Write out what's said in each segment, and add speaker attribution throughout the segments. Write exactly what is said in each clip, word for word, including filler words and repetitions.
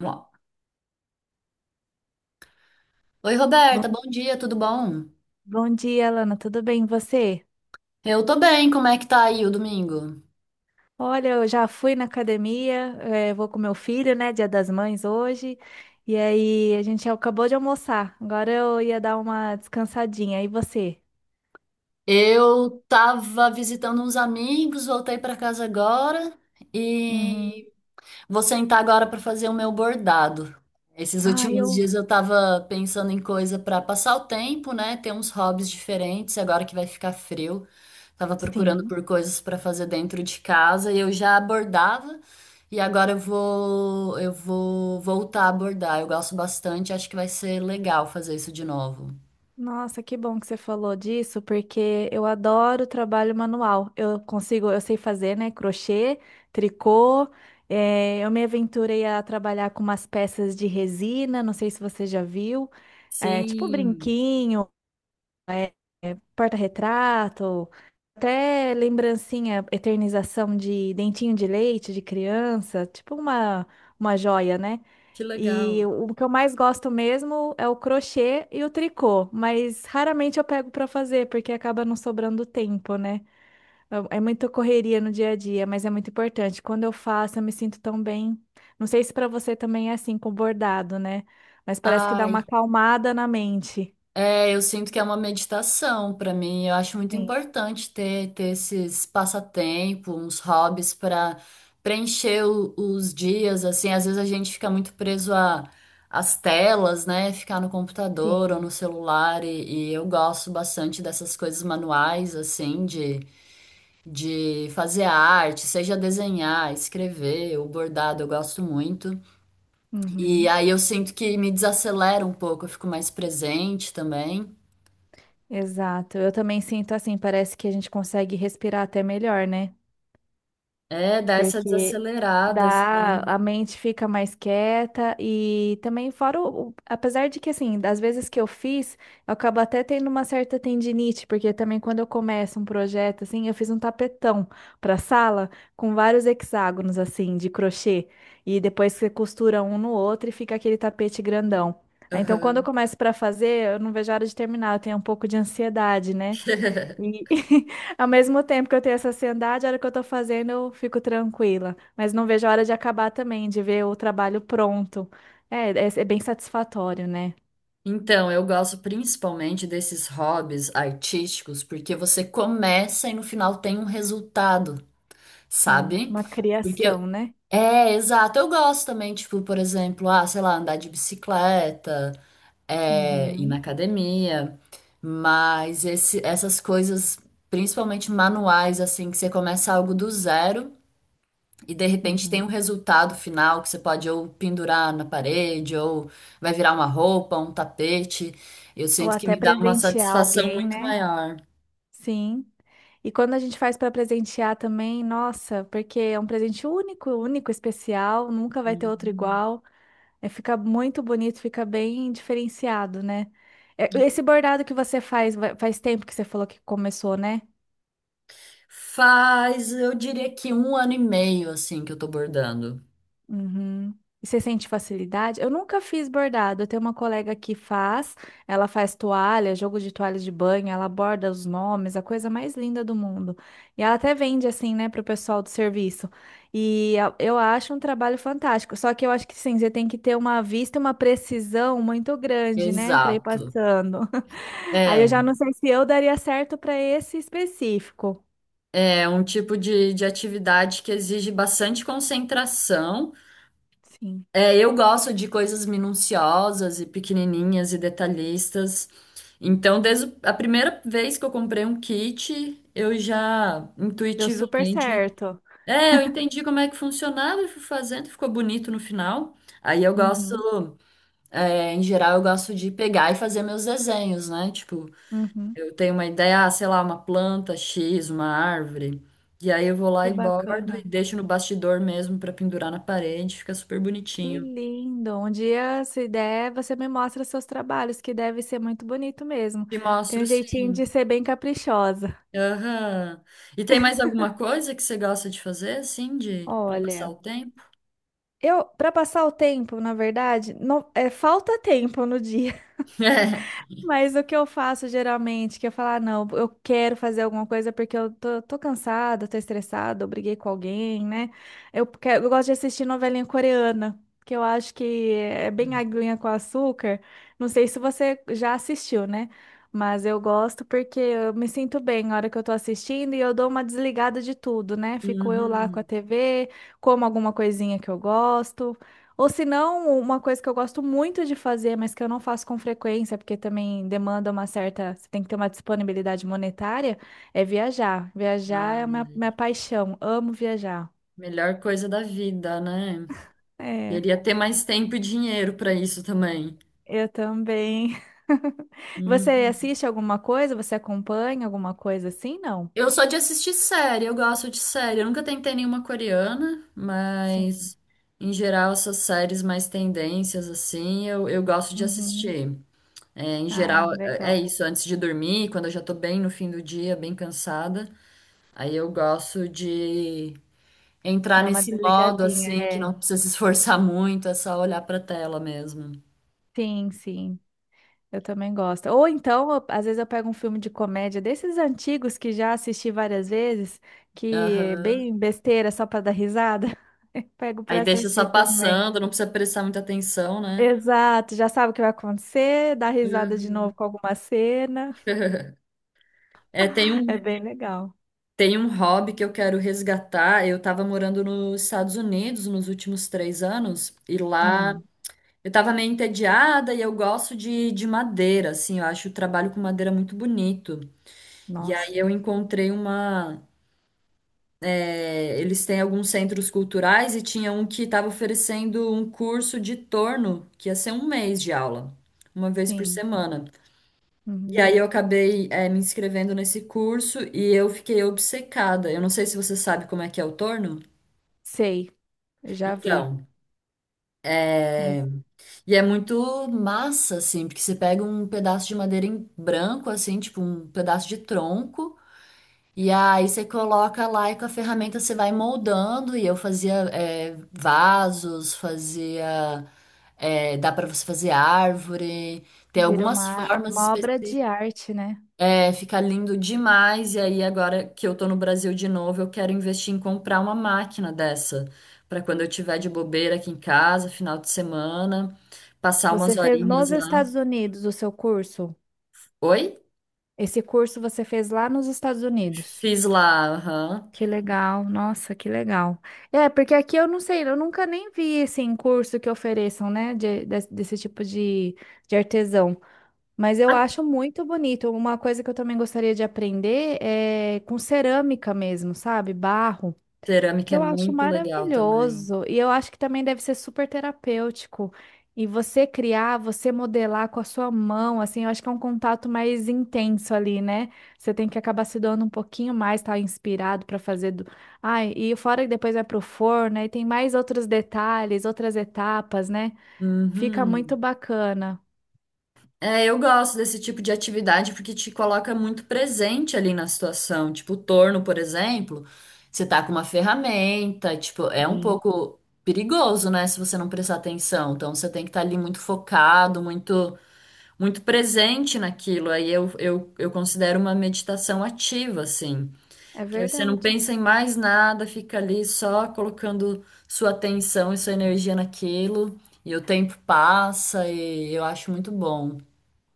Speaker 1: Bom. Oi,
Speaker 2: Bom,
Speaker 1: Roberta, bom dia, tudo bom?
Speaker 2: bom dia, Lana. Tudo bem, e você?
Speaker 1: Eu tô bem, como é que tá aí o domingo?
Speaker 2: Olha, eu já fui na academia, eh, vou com meu filho, né? Dia das Mães hoje. E aí, a gente acabou de almoçar. Agora eu ia dar uma descansadinha. E você?
Speaker 1: Eu tava visitando uns amigos, voltei pra casa agora
Speaker 2: Uhum.
Speaker 1: e vou sentar agora para fazer o meu bordado. Esses
Speaker 2: Ah,
Speaker 1: últimos
Speaker 2: eu.
Speaker 1: dias eu estava pensando em coisa para passar o tempo, né? Ter uns hobbies diferentes, agora que vai ficar frio. Tava procurando
Speaker 2: Sim.
Speaker 1: por coisas para fazer dentro de casa e eu já bordava e agora eu vou eu vou voltar a bordar. Eu gosto bastante, acho que vai ser legal fazer isso de novo.
Speaker 2: Nossa, que bom que você falou disso, porque eu adoro trabalho manual. Eu consigo, eu sei fazer, né? Crochê, tricô. Eh, eu me aventurei a trabalhar com umas peças de resina, não sei se você já viu, eh, tipo
Speaker 1: Sim,
Speaker 2: brinquinho, eh, porta-retrato, até lembrancinha, eternização de dentinho de leite de criança, tipo uma, uma joia, né?
Speaker 1: que
Speaker 2: E
Speaker 1: legal.
Speaker 2: o que eu mais gosto mesmo é o crochê e o tricô, mas raramente eu pego para fazer porque acaba não sobrando tempo, né? É é muita correria no dia a dia, mas é muito importante. Quando eu faço, eu me sinto tão bem. Não sei se para você também é assim com bordado, né? Mas parece que dá uma
Speaker 1: Ai,
Speaker 2: acalmada na mente.
Speaker 1: é, eu sinto que é uma meditação para mim. Eu acho muito
Speaker 2: Sim,
Speaker 1: importante ter, ter esses passatempos, uns hobbies para preencher o- os dias. Assim, às vezes a gente fica muito preso a, às telas, né? Ficar no computador ou
Speaker 2: sim.
Speaker 1: no celular. E, e eu gosto bastante dessas coisas manuais, assim, de, de fazer arte, seja desenhar, escrever, o bordado, eu gosto muito. E
Speaker 2: Uhum,
Speaker 1: aí eu sinto que me desacelera um pouco, eu fico mais presente também.
Speaker 2: exato. Eu também sinto assim, parece que a gente consegue respirar até melhor, né?
Speaker 1: É, dá essa
Speaker 2: Porque
Speaker 1: desacelerada,
Speaker 2: dá,
Speaker 1: assim.
Speaker 2: a mente fica mais quieta e também fora o, o- apesar de que assim, das vezes que eu fiz, eu acabo até tendo uma certa tendinite, porque também quando eu começo um projeto assim, eu fiz um tapetão para sala com vários hexágonos assim de crochê e depois você costura um no outro e fica aquele tapete grandão. Aí, então, quando eu
Speaker 1: Aham.
Speaker 2: começo para fazer, eu não vejo a hora de terminar, eu tenho um pouco de ansiedade, né? E ao mesmo tempo que eu tenho essa ansiedade, a hora que eu tô fazendo, eu fico tranquila. Mas não vejo a hora de acabar também, de ver o trabalho pronto. É, é, é bem satisfatório, né?
Speaker 1: Então, eu gosto principalmente desses hobbies artísticos, porque você começa e no final tem um resultado,
Speaker 2: Sim,
Speaker 1: sabe?
Speaker 2: uma
Speaker 1: Porque
Speaker 2: criação, né?
Speaker 1: é, exato, eu gosto também, tipo, por exemplo, ah, sei lá, andar de bicicleta, é, ir na
Speaker 2: Uhum,
Speaker 1: academia, mas esse, essas coisas, principalmente manuais, assim, que você começa algo do zero. E de repente tem
Speaker 2: uhum.
Speaker 1: um resultado final que você pode ou pendurar na parede, ou vai virar uma roupa, um tapete. Eu
Speaker 2: Ou
Speaker 1: sinto que
Speaker 2: até
Speaker 1: me dá uma
Speaker 2: presentear
Speaker 1: satisfação
Speaker 2: alguém,
Speaker 1: muito
Speaker 2: né?
Speaker 1: maior.
Speaker 2: Sim. E quando a gente faz para presentear também, nossa, porque é um presente único, único, especial, nunca vai ter outro
Speaker 1: Uhum.
Speaker 2: igual. É, fica muito bonito, fica bem diferenciado, né? É, esse bordado que você faz, vai- faz tempo que você falou que começou, né?
Speaker 1: Faz, eu diria que um ano e meio assim que eu tô bordando.
Speaker 2: Uhum. E você sente facilidade? Eu nunca fiz bordado. Eu tenho uma colega que faz, ela faz toalha, jogo de toalhas de banho, ela borda os nomes, a coisa mais linda do mundo. E ela até vende assim, né, pro pessoal do serviço. E eu eu acho um trabalho fantástico. Só que eu acho que sim, você tem que ter uma vista e uma precisão muito grande, né, para ir
Speaker 1: Exato.
Speaker 2: passando. Aí eu já
Speaker 1: É,
Speaker 2: não sei se eu daria certo para esse específico.
Speaker 1: é um tipo de, de atividade que exige bastante concentração.
Speaker 2: Sim,
Speaker 1: É, eu gosto de coisas minuciosas e pequenininhas e detalhistas. Então, desde o- a primeira vez que eu comprei um kit, eu já
Speaker 2: deu super
Speaker 1: intuitivamente,
Speaker 2: certo.
Speaker 1: é, eu entendi como é que funcionava e fui fazendo, ficou bonito no final. Aí eu
Speaker 2: Uhum,
Speaker 1: gosto, é, em geral, eu gosto de pegar e fazer meus desenhos, né? Tipo,
Speaker 2: uhum.
Speaker 1: eu tenho uma ideia, ah, sei lá, uma planta X, uma árvore. E aí eu vou
Speaker 2: Que
Speaker 1: lá e bordo e
Speaker 2: bacana.
Speaker 1: deixo no bastidor mesmo para pendurar na parede, fica super
Speaker 2: Que
Speaker 1: bonitinho.
Speaker 2: lindo! Um dia, se der, você me mostra seus trabalhos, que deve ser muito bonito mesmo.
Speaker 1: Te
Speaker 2: Tem
Speaker 1: mostro,
Speaker 2: um jeitinho de
Speaker 1: sim.
Speaker 2: ser bem caprichosa.
Speaker 1: Aham. E tem mais alguma coisa que você gosta de fazer, assim, de para passar
Speaker 2: Olha,
Speaker 1: o tempo?
Speaker 2: eu, para passar o tempo, na verdade, não, é, falta tempo no dia. Mas o que eu faço geralmente, que eu falo, ah, não, eu quero fazer alguma coisa porque eu tô, tô cansada, tô estressada, eu briguei com alguém, né? Eu, que- eu gosto de assistir novelinha coreana, que eu acho que é bem aguinha com açúcar. Não sei se você já assistiu, né? Mas eu gosto porque eu me sinto bem na hora que eu tô assistindo e eu dou uma desligada de tudo, né?
Speaker 1: É.
Speaker 2: Fico eu lá com a
Speaker 1: Uhum.
Speaker 2: T V, como alguma coisinha que eu gosto. Ou se não, uma coisa que eu gosto muito de fazer, mas que eu não faço com frequência, porque também demanda uma certa, você tem que ter uma disponibilidade monetária, é viajar. Viajar é a
Speaker 1: Ah,
Speaker 2: minha, minha paixão. Amo viajar.
Speaker 1: melhor coisa da vida, né?
Speaker 2: É,
Speaker 1: Queria ter mais tempo e dinheiro para isso também.
Speaker 2: eu também. Você
Speaker 1: Uhum.
Speaker 2: assiste alguma coisa? Você acompanha alguma coisa assim? Não?
Speaker 1: Eu sou de assistir série, eu gosto de série. Eu nunca tentei nenhuma coreana,
Speaker 2: Sim.
Speaker 1: mas em geral essas séries mais tendências, assim, eu, eu gosto de
Speaker 2: Uhum.
Speaker 1: assistir. É, em
Speaker 2: Ai,
Speaker 1: geral, é é
Speaker 2: legal.
Speaker 1: isso, antes de dormir, quando eu já tô bem no fim do dia, bem cansada, aí eu gosto de entrar
Speaker 2: Dá uma
Speaker 1: nesse modo
Speaker 2: desligadinha,
Speaker 1: assim, que
Speaker 2: é.
Speaker 1: não precisa se esforçar muito, é só olhar pra tela mesmo.
Speaker 2: Sim, sim. Eu também gosto. Ou então, eu- às vezes eu pego um filme de comédia desses antigos que já assisti várias vezes, que é
Speaker 1: Aham.
Speaker 2: bem besteira só para dar risada. Eu pego
Speaker 1: Aí
Speaker 2: para
Speaker 1: deixa só
Speaker 2: assistir também.
Speaker 1: passando, não precisa prestar muita atenção, né?
Speaker 2: Exato, já sabe o que vai acontecer, dá risada de novo
Speaker 1: Uhum.
Speaker 2: com alguma cena.
Speaker 1: É, tem
Speaker 2: É
Speaker 1: um,
Speaker 2: bem legal.
Speaker 1: tem um hobby que eu quero resgatar. Eu estava morando nos Estados Unidos nos últimos três anos, e lá
Speaker 2: Hum,
Speaker 1: eu tava meio entediada e eu gosto de, de madeira, assim, eu acho o trabalho com madeira muito bonito. E aí
Speaker 2: nossa,
Speaker 1: eu encontrei uma. é, eles têm alguns centros culturais e tinha um que estava oferecendo um curso de torno, que ia ser um mês de aula, uma vez por
Speaker 2: sim.
Speaker 1: semana. E
Speaker 2: Uhum.
Speaker 1: aí eu acabei, é, me inscrevendo nesse curso e eu fiquei obcecada. Eu não sei se você sabe como é que é o torno.
Speaker 2: Sei, eu já vi.
Speaker 1: Então.
Speaker 2: Mas
Speaker 1: é, E é muito massa, assim, porque você pega um pedaço de madeira em branco, assim, tipo um pedaço de tronco, e aí você coloca lá e com a ferramenta você vai moldando. E eu fazia é, vasos, fazia. é, dá pra você fazer árvore, tem
Speaker 2: vira
Speaker 1: algumas
Speaker 2: uma,
Speaker 1: formas
Speaker 2: uma obra de
Speaker 1: específicas.
Speaker 2: arte, né?
Speaker 1: É, fica lindo demais. E aí, agora que eu tô no Brasil de novo, eu quero investir em comprar uma máquina dessa, pra quando eu tiver de bobeira aqui em casa, final de semana, passar
Speaker 2: Você
Speaker 1: umas
Speaker 2: fez
Speaker 1: horinhas
Speaker 2: nos
Speaker 1: lá.
Speaker 2: Estados Unidos o seu curso?
Speaker 1: Oi?
Speaker 2: Esse curso você fez lá nos Estados Unidos.
Speaker 1: Fiz lá, aham.
Speaker 2: Que legal, nossa, que legal. É, porque aqui eu não sei, eu nunca nem vi assim curso que ofereçam, né, de- des- desse tipo de, de artesão. Mas eu
Speaker 1: A
Speaker 2: acho muito bonito. Uma coisa que eu também gostaria de aprender é com cerâmica mesmo, sabe? Barro que
Speaker 1: cerâmica é
Speaker 2: eu acho
Speaker 1: muito legal também.
Speaker 2: maravilhoso. E eu acho que também deve ser super terapêutico. E você criar, você modelar com a sua mão, assim, eu acho que é um contato mais intenso ali, né? Você tem que acabar se doando um pouquinho mais, tá inspirado para fazer do... Ai, e fora que depois vai pro forno, aí tem mais outros detalhes, outras etapas, né? Fica muito
Speaker 1: Uhum.
Speaker 2: bacana.
Speaker 1: É, eu gosto desse tipo de atividade porque te coloca muito presente ali na situação. Tipo, o torno, por exemplo, você tá com uma ferramenta, tipo, é um
Speaker 2: Sim.
Speaker 1: pouco perigoso, né, se você não prestar atenção. Então, você tem que estar ali muito focado, muito, muito presente naquilo. Aí eu, eu, eu considero uma meditação ativa, assim.
Speaker 2: É
Speaker 1: Que você não
Speaker 2: verdade.
Speaker 1: pensa em mais nada, fica ali só colocando sua atenção e sua energia naquilo, e o tempo passa, e eu acho muito bom.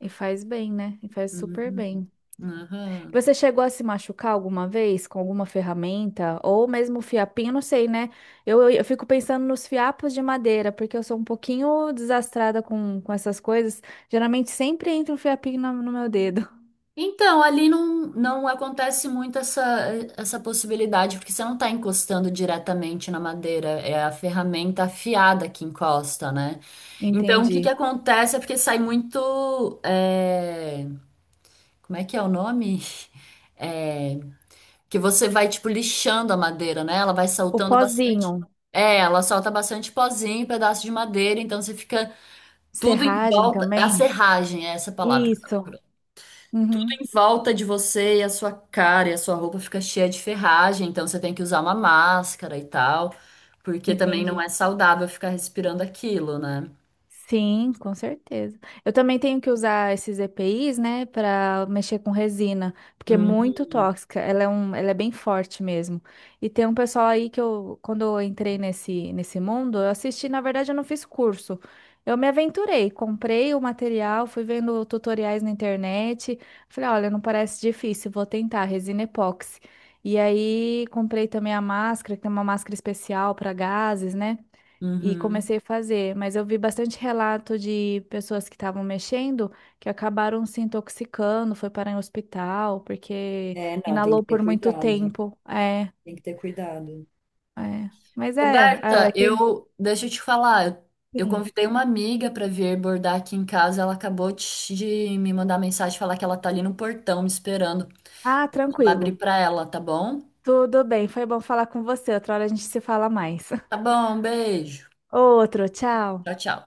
Speaker 2: E faz bem, né? E faz super
Speaker 1: Uhum,
Speaker 2: bem.
Speaker 1: uhum.
Speaker 2: Você chegou a se machucar alguma vez com alguma ferramenta ou mesmo fiapinho? Não sei, né? Eu, eu, eu fico pensando nos fiapos de madeira, porque eu sou um pouquinho desastrada com, com essas coisas. Geralmente sempre entra um fiapinho no, no meu dedo.
Speaker 1: Então, ali não, não acontece muito essa, essa possibilidade, porque você não está encostando diretamente na madeira, é a ferramenta afiada que encosta, né? Então, o que que
Speaker 2: Entendi.
Speaker 1: acontece é porque sai muito. é, Como é que é o nome? É, que você vai, tipo, lixando a madeira, né? Ela vai
Speaker 2: O
Speaker 1: soltando bastante.
Speaker 2: pozinho,
Speaker 1: É, ela solta bastante pozinho, pedaço de madeira, então você fica tudo em
Speaker 2: serragem
Speaker 1: volta. A
Speaker 2: também?
Speaker 1: serragem é essa palavra que eu tava
Speaker 2: Isso.
Speaker 1: procurando.
Speaker 2: Uhum,
Speaker 1: Em volta de você e a sua cara e a sua roupa fica cheia de ferragem, então você tem que usar uma máscara e tal, porque também não
Speaker 2: entendi.
Speaker 1: é saudável ficar respirando aquilo, né?
Speaker 2: Sim, com certeza. Eu também tenho que usar esses E P Is, né, para mexer com resina, porque é
Speaker 1: Uhum.
Speaker 2: muito tóxica. Ela é um, ela é bem forte mesmo. E tem um pessoal aí que eu, quando eu entrei nesse nesse mundo, eu assisti, na verdade, eu não fiz curso. Eu me aventurei, comprei o material, fui vendo tutoriais na internet. Falei, olha, não parece difícil, vou tentar resina epóxi. E aí comprei também a máscara, que tem uma máscara especial para gases, né? E
Speaker 1: Uhum.
Speaker 2: comecei a fazer, mas eu vi bastante relato de pessoas que estavam mexendo que acabaram se intoxicando, foi parar em hospital porque
Speaker 1: É, não, tem que
Speaker 2: inalou
Speaker 1: ter
Speaker 2: por muito
Speaker 1: cuidado.
Speaker 2: tempo. É,
Speaker 1: Tem que ter cuidado.
Speaker 2: é. Mas é,
Speaker 1: Roberta,
Speaker 2: é quem,
Speaker 1: eu deixa eu te falar, eu eu
Speaker 2: sim.
Speaker 1: convidei uma amiga para vir bordar aqui em casa, ela acabou de de me mandar mensagem falar que ela tá ali no portão me esperando.
Speaker 2: Ah,
Speaker 1: Eu vou lá abrir
Speaker 2: tranquilo.
Speaker 1: para ela, tá bom?
Speaker 2: Tudo bem, foi bom falar com você. Outra hora a gente se fala mais.
Speaker 1: Tá bom, um beijo.
Speaker 2: Outro, tchau.
Speaker 1: Tchau, tchau.